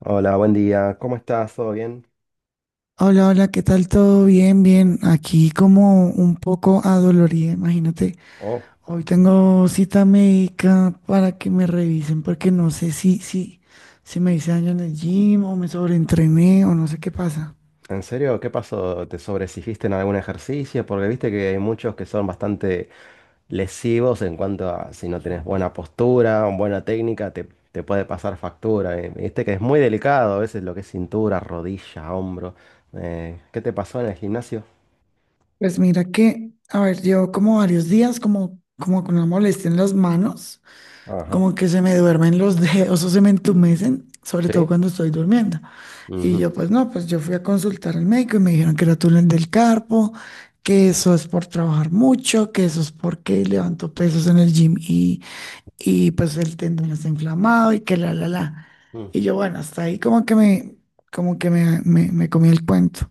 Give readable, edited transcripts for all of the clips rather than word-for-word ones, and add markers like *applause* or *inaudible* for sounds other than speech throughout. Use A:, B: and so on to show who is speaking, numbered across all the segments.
A: Hola, buen día. ¿Cómo estás? ¿Todo bien?
B: Hola, hola, ¿qué tal? ¿Todo bien? Bien, aquí como un poco adolorida, imagínate.
A: Oh,
B: Hoy tengo cita médica para que me revisen porque no sé si me hice daño en el gym o me sobreentrené o no sé qué pasa.
A: ¿en serio? ¿Qué pasó? ¿Te sobreexigiste en algún ejercicio? Porque viste que hay muchos que son bastante lesivos en cuanto a si no tenés buena postura, buena técnica, te puede pasar factura. Viste que es muy delicado a veces lo que es cintura, rodilla, hombro. ¿Qué te pasó en el gimnasio?
B: Pues mira que, a ver, llevo como varios días como con una molestia en las manos.
A: Ajá.
B: Como que se me duermen los dedos o se me entumecen, sobre todo
A: ¿Sí?
B: cuando estoy durmiendo. Y
A: Ujú.
B: yo, pues no, pues yo fui a consultar al médico y me dijeron que era túnel del carpo, que eso es por trabajar mucho, que eso es porque levanto pesos en el gym y pues el tendón está inflamado y que la.
A: Mm,
B: Y yo, bueno, hasta ahí como que me comí el cuento.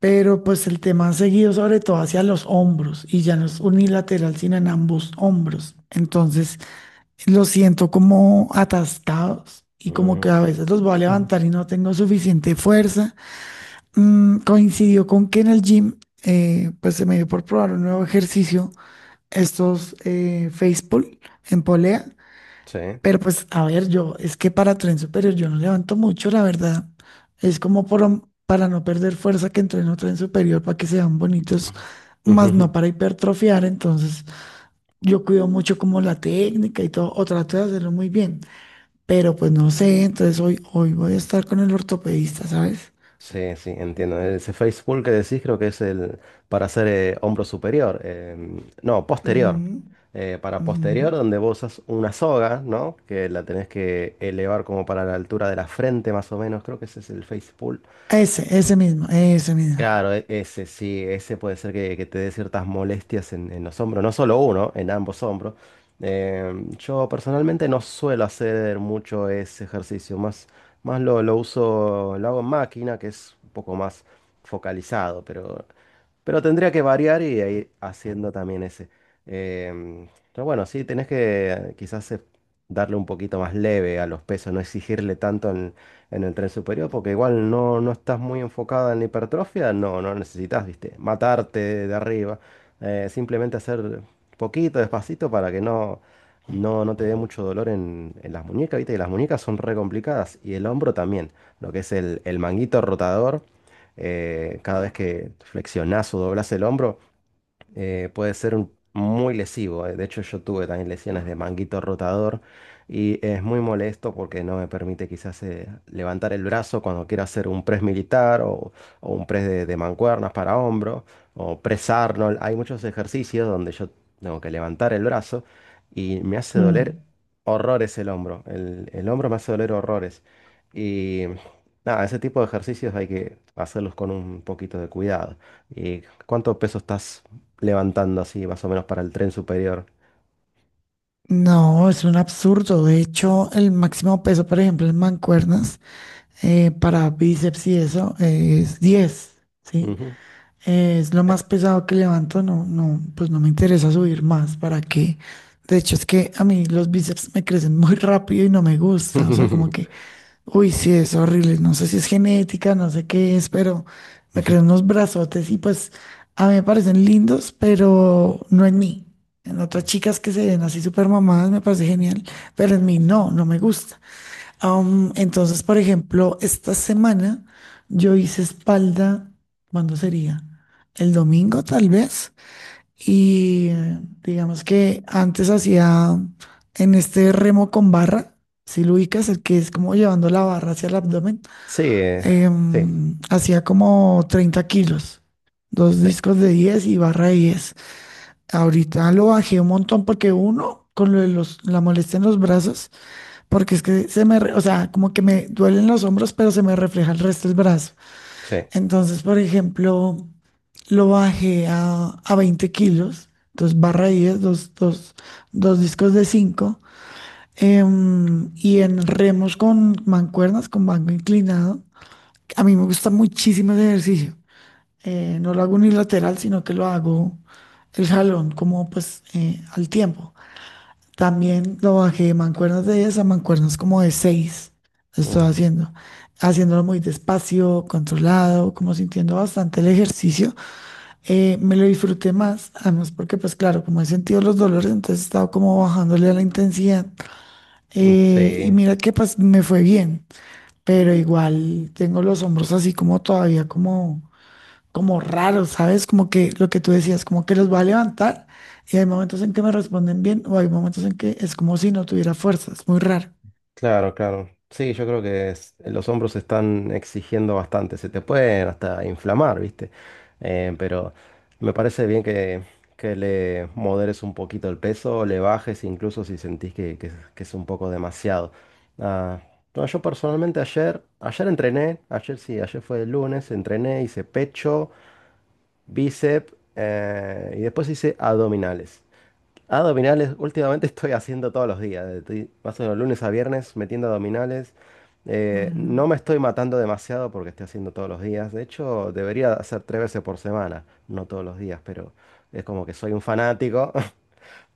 B: Pero pues el tema ha seguido sobre todo hacia los hombros y ya no es unilateral, sino en ambos hombros. Entonces, los siento como atascados y como que a veces los voy a
A: ujú.
B: levantar y no tengo suficiente fuerza. Coincidió con que en el gym, pues se me dio por probar un nuevo ejercicio, estos face pull en polea.
A: Sí.
B: Pero pues, a ver, yo, es que para tren superior yo no levanto mucho, la verdad. Es como para no perder fuerza que entreno tren superior para que sean bonitos, más no
A: *laughs*
B: para hipertrofiar. Entonces, yo cuido mucho como la técnica y todo, o trato de hacerlo muy bien, pero pues no sé, entonces hoy, hoy voy a estar con el ortopedista, ¿sabes?
A: Sí, sí, entiendo. Ese face pull que decís creo que es el para hacer hombro superior. No,
B: Ujú,
A: posterior. Para
B: ujú.
A: posterior, donde vos usas una soga, ¿no? Que la tenés que elevar como para la altura de la frente, más o menos. Creo que ese es el face pull.
B: Ese mismo, ese mismo.
A: Claro, ese sí, ese puede ser que te dé ciertas molestias en los hombros, no solo uno, en ambos hombros. Yo personalmente no suelo hacer mucho ese ejercicio, más, más lo uso, lo hago en máquina, que es un poco más focalizado, pero tendría que variar y ir haciendo también ese. Em, pero bueno, sí, tenés que quizás darle un poquito más leve a los pesos, no exigirle tanto en el tren superior, porque igual no, no estás muy enfocada en la hipertrofia, no, no necesitas, viste, matarte de arriba, simplemente hacer poquito, despacito, para que no, no, no te dé mucho dolor en las muñecas, viste, y las muñecas son re complicadas, y el hombro también, lo que es el manguito rotador, cada vez que flexionás o doblás el hombro, puede ser muy lesivo. De hecho, yo tuve también lesiones de manguito rotador y es muy molesto porque no me permite quizás levantar el brazo cuando quiero hacer un press militar o un press de mancuernas para hombro o press Arnold. Hay muchos ejercicios donde yo tengo que levantar el brazo y me hace doler
B: Mm.
A: horrores el hombro. El hombro me hace doler horrores. Y nada, ese tipo de ejercicios hay que hacerlos con un poquito de cuidado. ¿Y cuánto peso estás levantando así, más o menos, para el tren superior?
B: No, es un absurdo. De hecho, el máximo peso, por ejemplo, en mancuernas, para bíceps y eso, es 10. ¿Sí?
A: Ujú.
B: Es lo más pesado que levanto, no, no, pues no me interesa subir más, ¿para qué? De hecho, es que a mí los bíceps me crecen muy rápido y no me gusta, o sea, como
A: *laughs*
B: que... Uy, sí, es horrible. No sé si es genética, no sé qué es, pero me creo unos brazotes y pues a mí me parecen lindos, pero no en mí. En otras chicas que se ven así súper mamadas me parece genial, pero en mí no, no me gusta. Entonces, por ejemplo, esta semana yo hice espalda. ¿Cuándo sería? El domingo, tal vez. Y digamos que antes hacía en este remo con barra, si lo ubicas, el que es como llevando la barra hacia el abdomen,
A: Sí, sí,
B: hacía como 30 kilos, dos
A: sí,
B: discos de 10 y barra de 10. Ahorita lo bajé un montón porque uno, con lo de la molestia en los brazos, porque es que o sea, como que me duelen los hombros, pero se me refleja el resto del brazo.
A: sí.
B: Entonces, por ejemplo, lo bajé a 20 kilos, dos barra 10, dos discos de cinco, y en remos con mancuernas, con banco inclinado. A mí me gusta muchísimo ese ejercicio. No lo hago unilateral, sino que lo hago el jalón, como pues al tiempo. También lo bajé de mancuernas de 10 a mancuernas como de seis, lo estoy
A: Ujú.
B: haciendo, haciéndolo muy despacio, controlado, como sintiendo bastante el ejercicio. Me lo disfruté más, además porque pues claro, como he sentido los dolores, entonces he estado como bajándole a la intensidad.
A: Sí.
B: Y mira que pues me fue bien, pero igual tengo los hombros así como todavía como como raros, ¿sabes? Como que lo que tú decías, como que los va a levantar y hay momentos en que me responden bien o hay momentos en que es como si no tuviera fuerzas, muy raro.
A: Claro, claro. Sí, yo creo que los hombros se están exigiendo bastante. Se te pueden hasta inflamar, ¿viste? Pero me parece bien que le moderes un poquito el peso, le bajes incluso si sentís que, es que es un poco demasiado. Ah, no, yo personalmente ayer, ayer entrené, ayer sí, ayer fue el lunes, entrené, hice pecho, bíceps y después hice abdominales, últimamente estoy haciendo todos los días. Estoy más o menos lunes a viernes metiendo abdominales. No
B: Mm.
A: me estoy matando demasiado porque estoy haciendo todos los días. De hecho, debería hacer tres veces por semana, no todos los días, pero es como que soy un fanático. *laughs*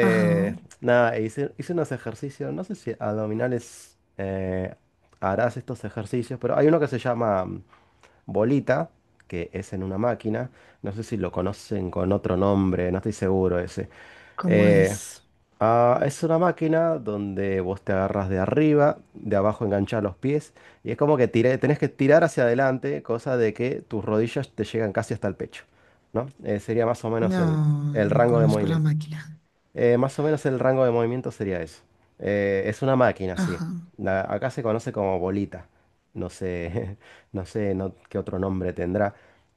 B: Ajá.
A: nada, hice unos ejercicios, no sé si abdominales harás estos ejercicios, pero hay uno que se llama bolita, que es en una máquina. No sé si lo conocen con otro nombre, no estoy seguro ese.
B: ¿Cómo
A: Eh,
B: es?
A: es una máquina donde vos te agarras de arriba, de abajo enganchás los pies y es como que tenés que tirar hacia adelante, cosa de que tus rodillas te llegan casi hasta el pecho, ¿no? Sería más o menos
B: No,
A: el
B: no
A: rango de
B: conozco la
A: movimiento.
B: máquina.
A: Más o menos el rango de movimiento sería eso. Es una máquina, sí.
B: Ajá,
A: Acá se conoce como bolita. No sé, *laughs* no sé qué otro nombre tendrá.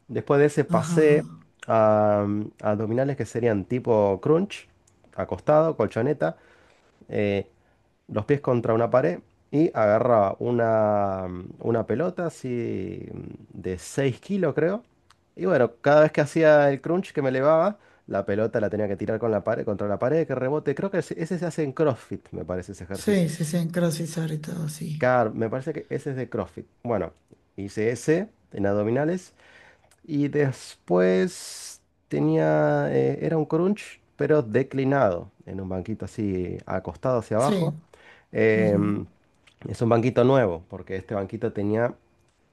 A: Después de ese
B: ajá.
A: pasé a, a abdominales que serían tipo crunch, acostado, colchoneta. Eh, los pies contra una pared y agarraba una pelota así de 6 kilos, creo. Y bueno, cada vez que hacía el crunch que me elevaba, la pelota la tenía que tirar con la pared, contra la pared, que rebote. Creo que ese se hace en CrossFit, me parece ese
B: Sí,
A: ejercicio.
B: sí, sí, en CrossFit y todo, sí.
A: Car, me parece que ese es de CrossFit. Bueno, hice ese en abdominales y después tenía, era un crunch, pero declinado, en un banquito así acostado hacia
B: Sí,
A: abajo.
B: ujú,
A: Em, es un banquito nuevo, porque este banquito tenía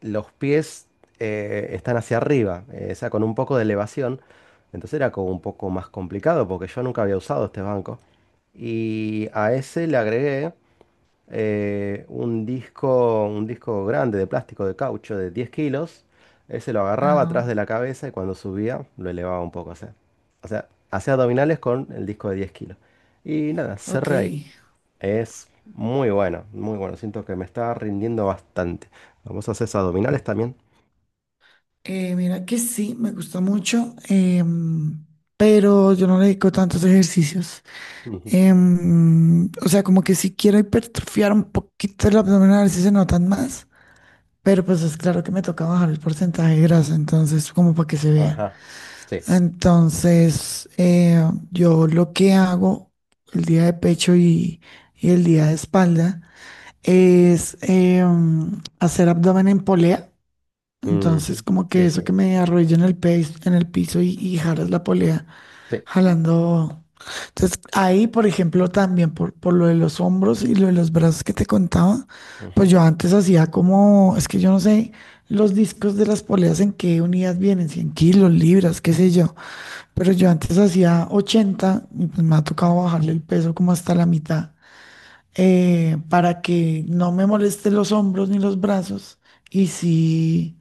A: los pies están hacia arriba, o sea, con un poco de elevación. Entonces era como un poco más complicado, porque yo nunca había usado este banco. Y a ese le agregué un disco grande de plástico de caucho de 10 kilos. Él se lo agarraba
B: ajá,
A: atrás de la cabeza y cuando subía lo elevaba un poco. O sea, hacía abdominales con el disco de 10 kilos. Y nada,
B: ok.
A: cerré ahí. Es muy bueno, muy bueno. Siento que me está rindiendo bastante. Vamos a hacer abdominales también.
B: Mira que sí, me gusta mucho, pero yo no le dedico tantos ejercicios.
A: Ujú.
B: O sea, como que si quiero hipertrofiar un poquito el abdomen a ver si se notan más, pero pues es claro que me toca bajar el porcentaje de grasa, entonces como para que se vea.
A: Ajá. Sí.
B: Entonces, yo lo que hago el día de pecho y el día de espalda es hacer abdomen en polea. Entonces,
A: Ujú.
B: como que
A: Sí,
B: eso que
A: sí.
B: me arrodillo en en el piso y jaras la polea.
A: Sí.
B: Jalando. Entonces, ahí, por ejemplo, también por lo de los hombros y lo de los brazos que te contaba,
A: Ujú.
B: pues yo antes hacía como, es que yo no sé los discos de las poleas en qué unidas vienen, 100 kilos, libras, qué sé yo, pero yo antes hacía 80, y pues me ha tocado bajarle el peso como hasta la mitad, para que no me moleste los hombros ni los brazos y sí,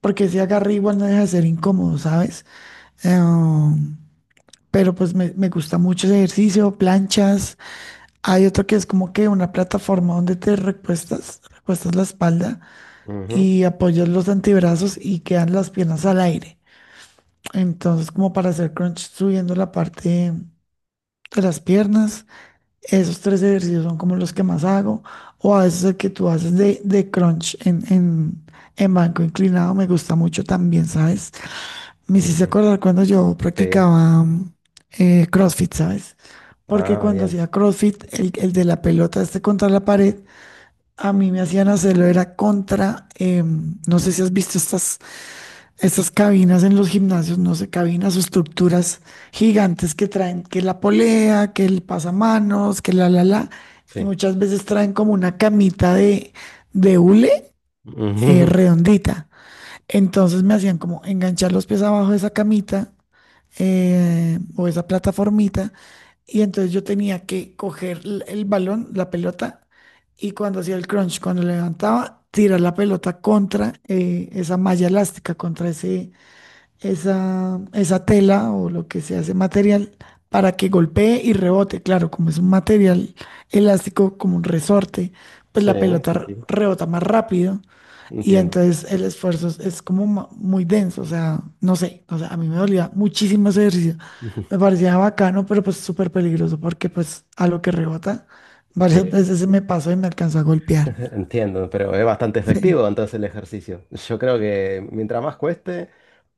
B: porque ese agarre igual no deja de ser incómodo, ¿sabes? Em, pero pues me gusta mucho ese ejercicio, planchas. Hay otro que es como que una plataforma donde te recuestas, recuestas la espalda
A: Ujú.
B: y apoyas los antebrazos y quedan las piernas al aire. Entonces, como para hacer crunch subiendo la parte de las piernas. Esos tres ejercicios son como los que más hago. O a veces el que tú haces de crunch en banco inclinado me gusta mucho también, ¿sabes? Me hiciste
A: Ujú.
B: acordar cuando yo
A: Sí.
B: practicaba CrossFit, ¿sabes? Porque
A: Ah,
B: cuando
A: bien.
B: hacía CrossFit, el de la pelota este contra la pared, a mí me hacían hacerlo, era contra, no sé si has visto estas cabinas en los gimnasios, no sé, cabinas o estructuras gigantes que traen, que la polea, que el pasamanos, que la, y
A: Sí.
B: muchas veces traen como una camita de hule
A: Ujú. *laughs*
B: redondita. Entonces me hacían como enganchar los pies abajo de esa camita, o esa plataformita, y entonces yo tenía que coger el balón, la pelota, y cuando hacía el crunch, cuando levantaba, tirar la pelota contra esa malla elástica, contra esa tela o lo que sea, ese material, para que golpee y rebote. Claro, como es un material elástico, como un resorte, pues
A: Sí,
B: la pelota
A: sí, sí.
B: rebota más rápido y
A: Entiendo.
B: entonces el esfuerzo es como muy denso, o sea, no sé, o sea, a mí me dolía muchísimo ese ejercicio. Me
A: *laughs*
B: parecía bacano, pero pues súper peligroso porque pues a lo que rebota, varias
A: Sí,
B: veces se me pasó y me alcanzó a golpear.
A: *laughs* entiendo, pero es bastante
B: Sí.
A: efectivo entonces el ejercicio. Yo creo que mientras más cueste,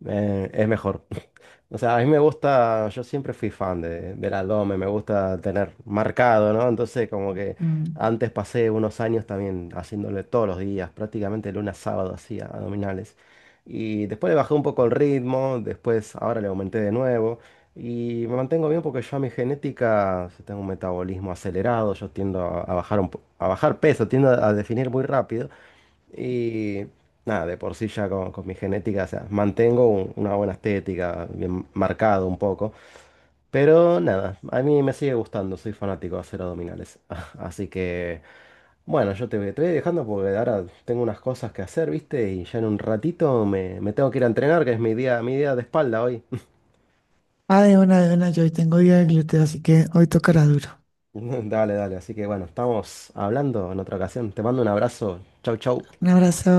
A: es mejor. *laughs* O sea, a mí me gusta, yo siempre fui fan de, del abdomen, me gusta tener marcado, ¿no? Entonces como que
B: Mm.
A: antes pasé unos años también haciéndole todos los días, prácticamente lunes a sábado hacía abdominales. Y después le bajé un poco el ritmo, después ahora le aumenté de nuevo. Y me mantengo bien porque yo a mi genética yo tengo un metabolismo acelerado, yo tiendo a bajar a bajar peso, tiendo a definir muy rápido. Y nada, de por sí ya con mi genética, o sea, mantengo una buena estética, bien marcado un poco. Pero nada, a mí me sigue gustando, soy fanático de hacer abdominales. *laughs* Así que, bueno, yo te, te voy dejando porque ahora tengo unas cosas que hacer, ¿viste? Y ya en un ratito me, me tengo que ir a entrenar, que es mi día de espalda hoy.
B: Ah, de una, yo hoy tengo día de glúteo, así que hoy tocará duro.
A: *laughs* Dale, dale. Así que bueno, estamos hablando en otra ocasión. Te mando un abrazo. Chau, chau.
B: Un abrazo.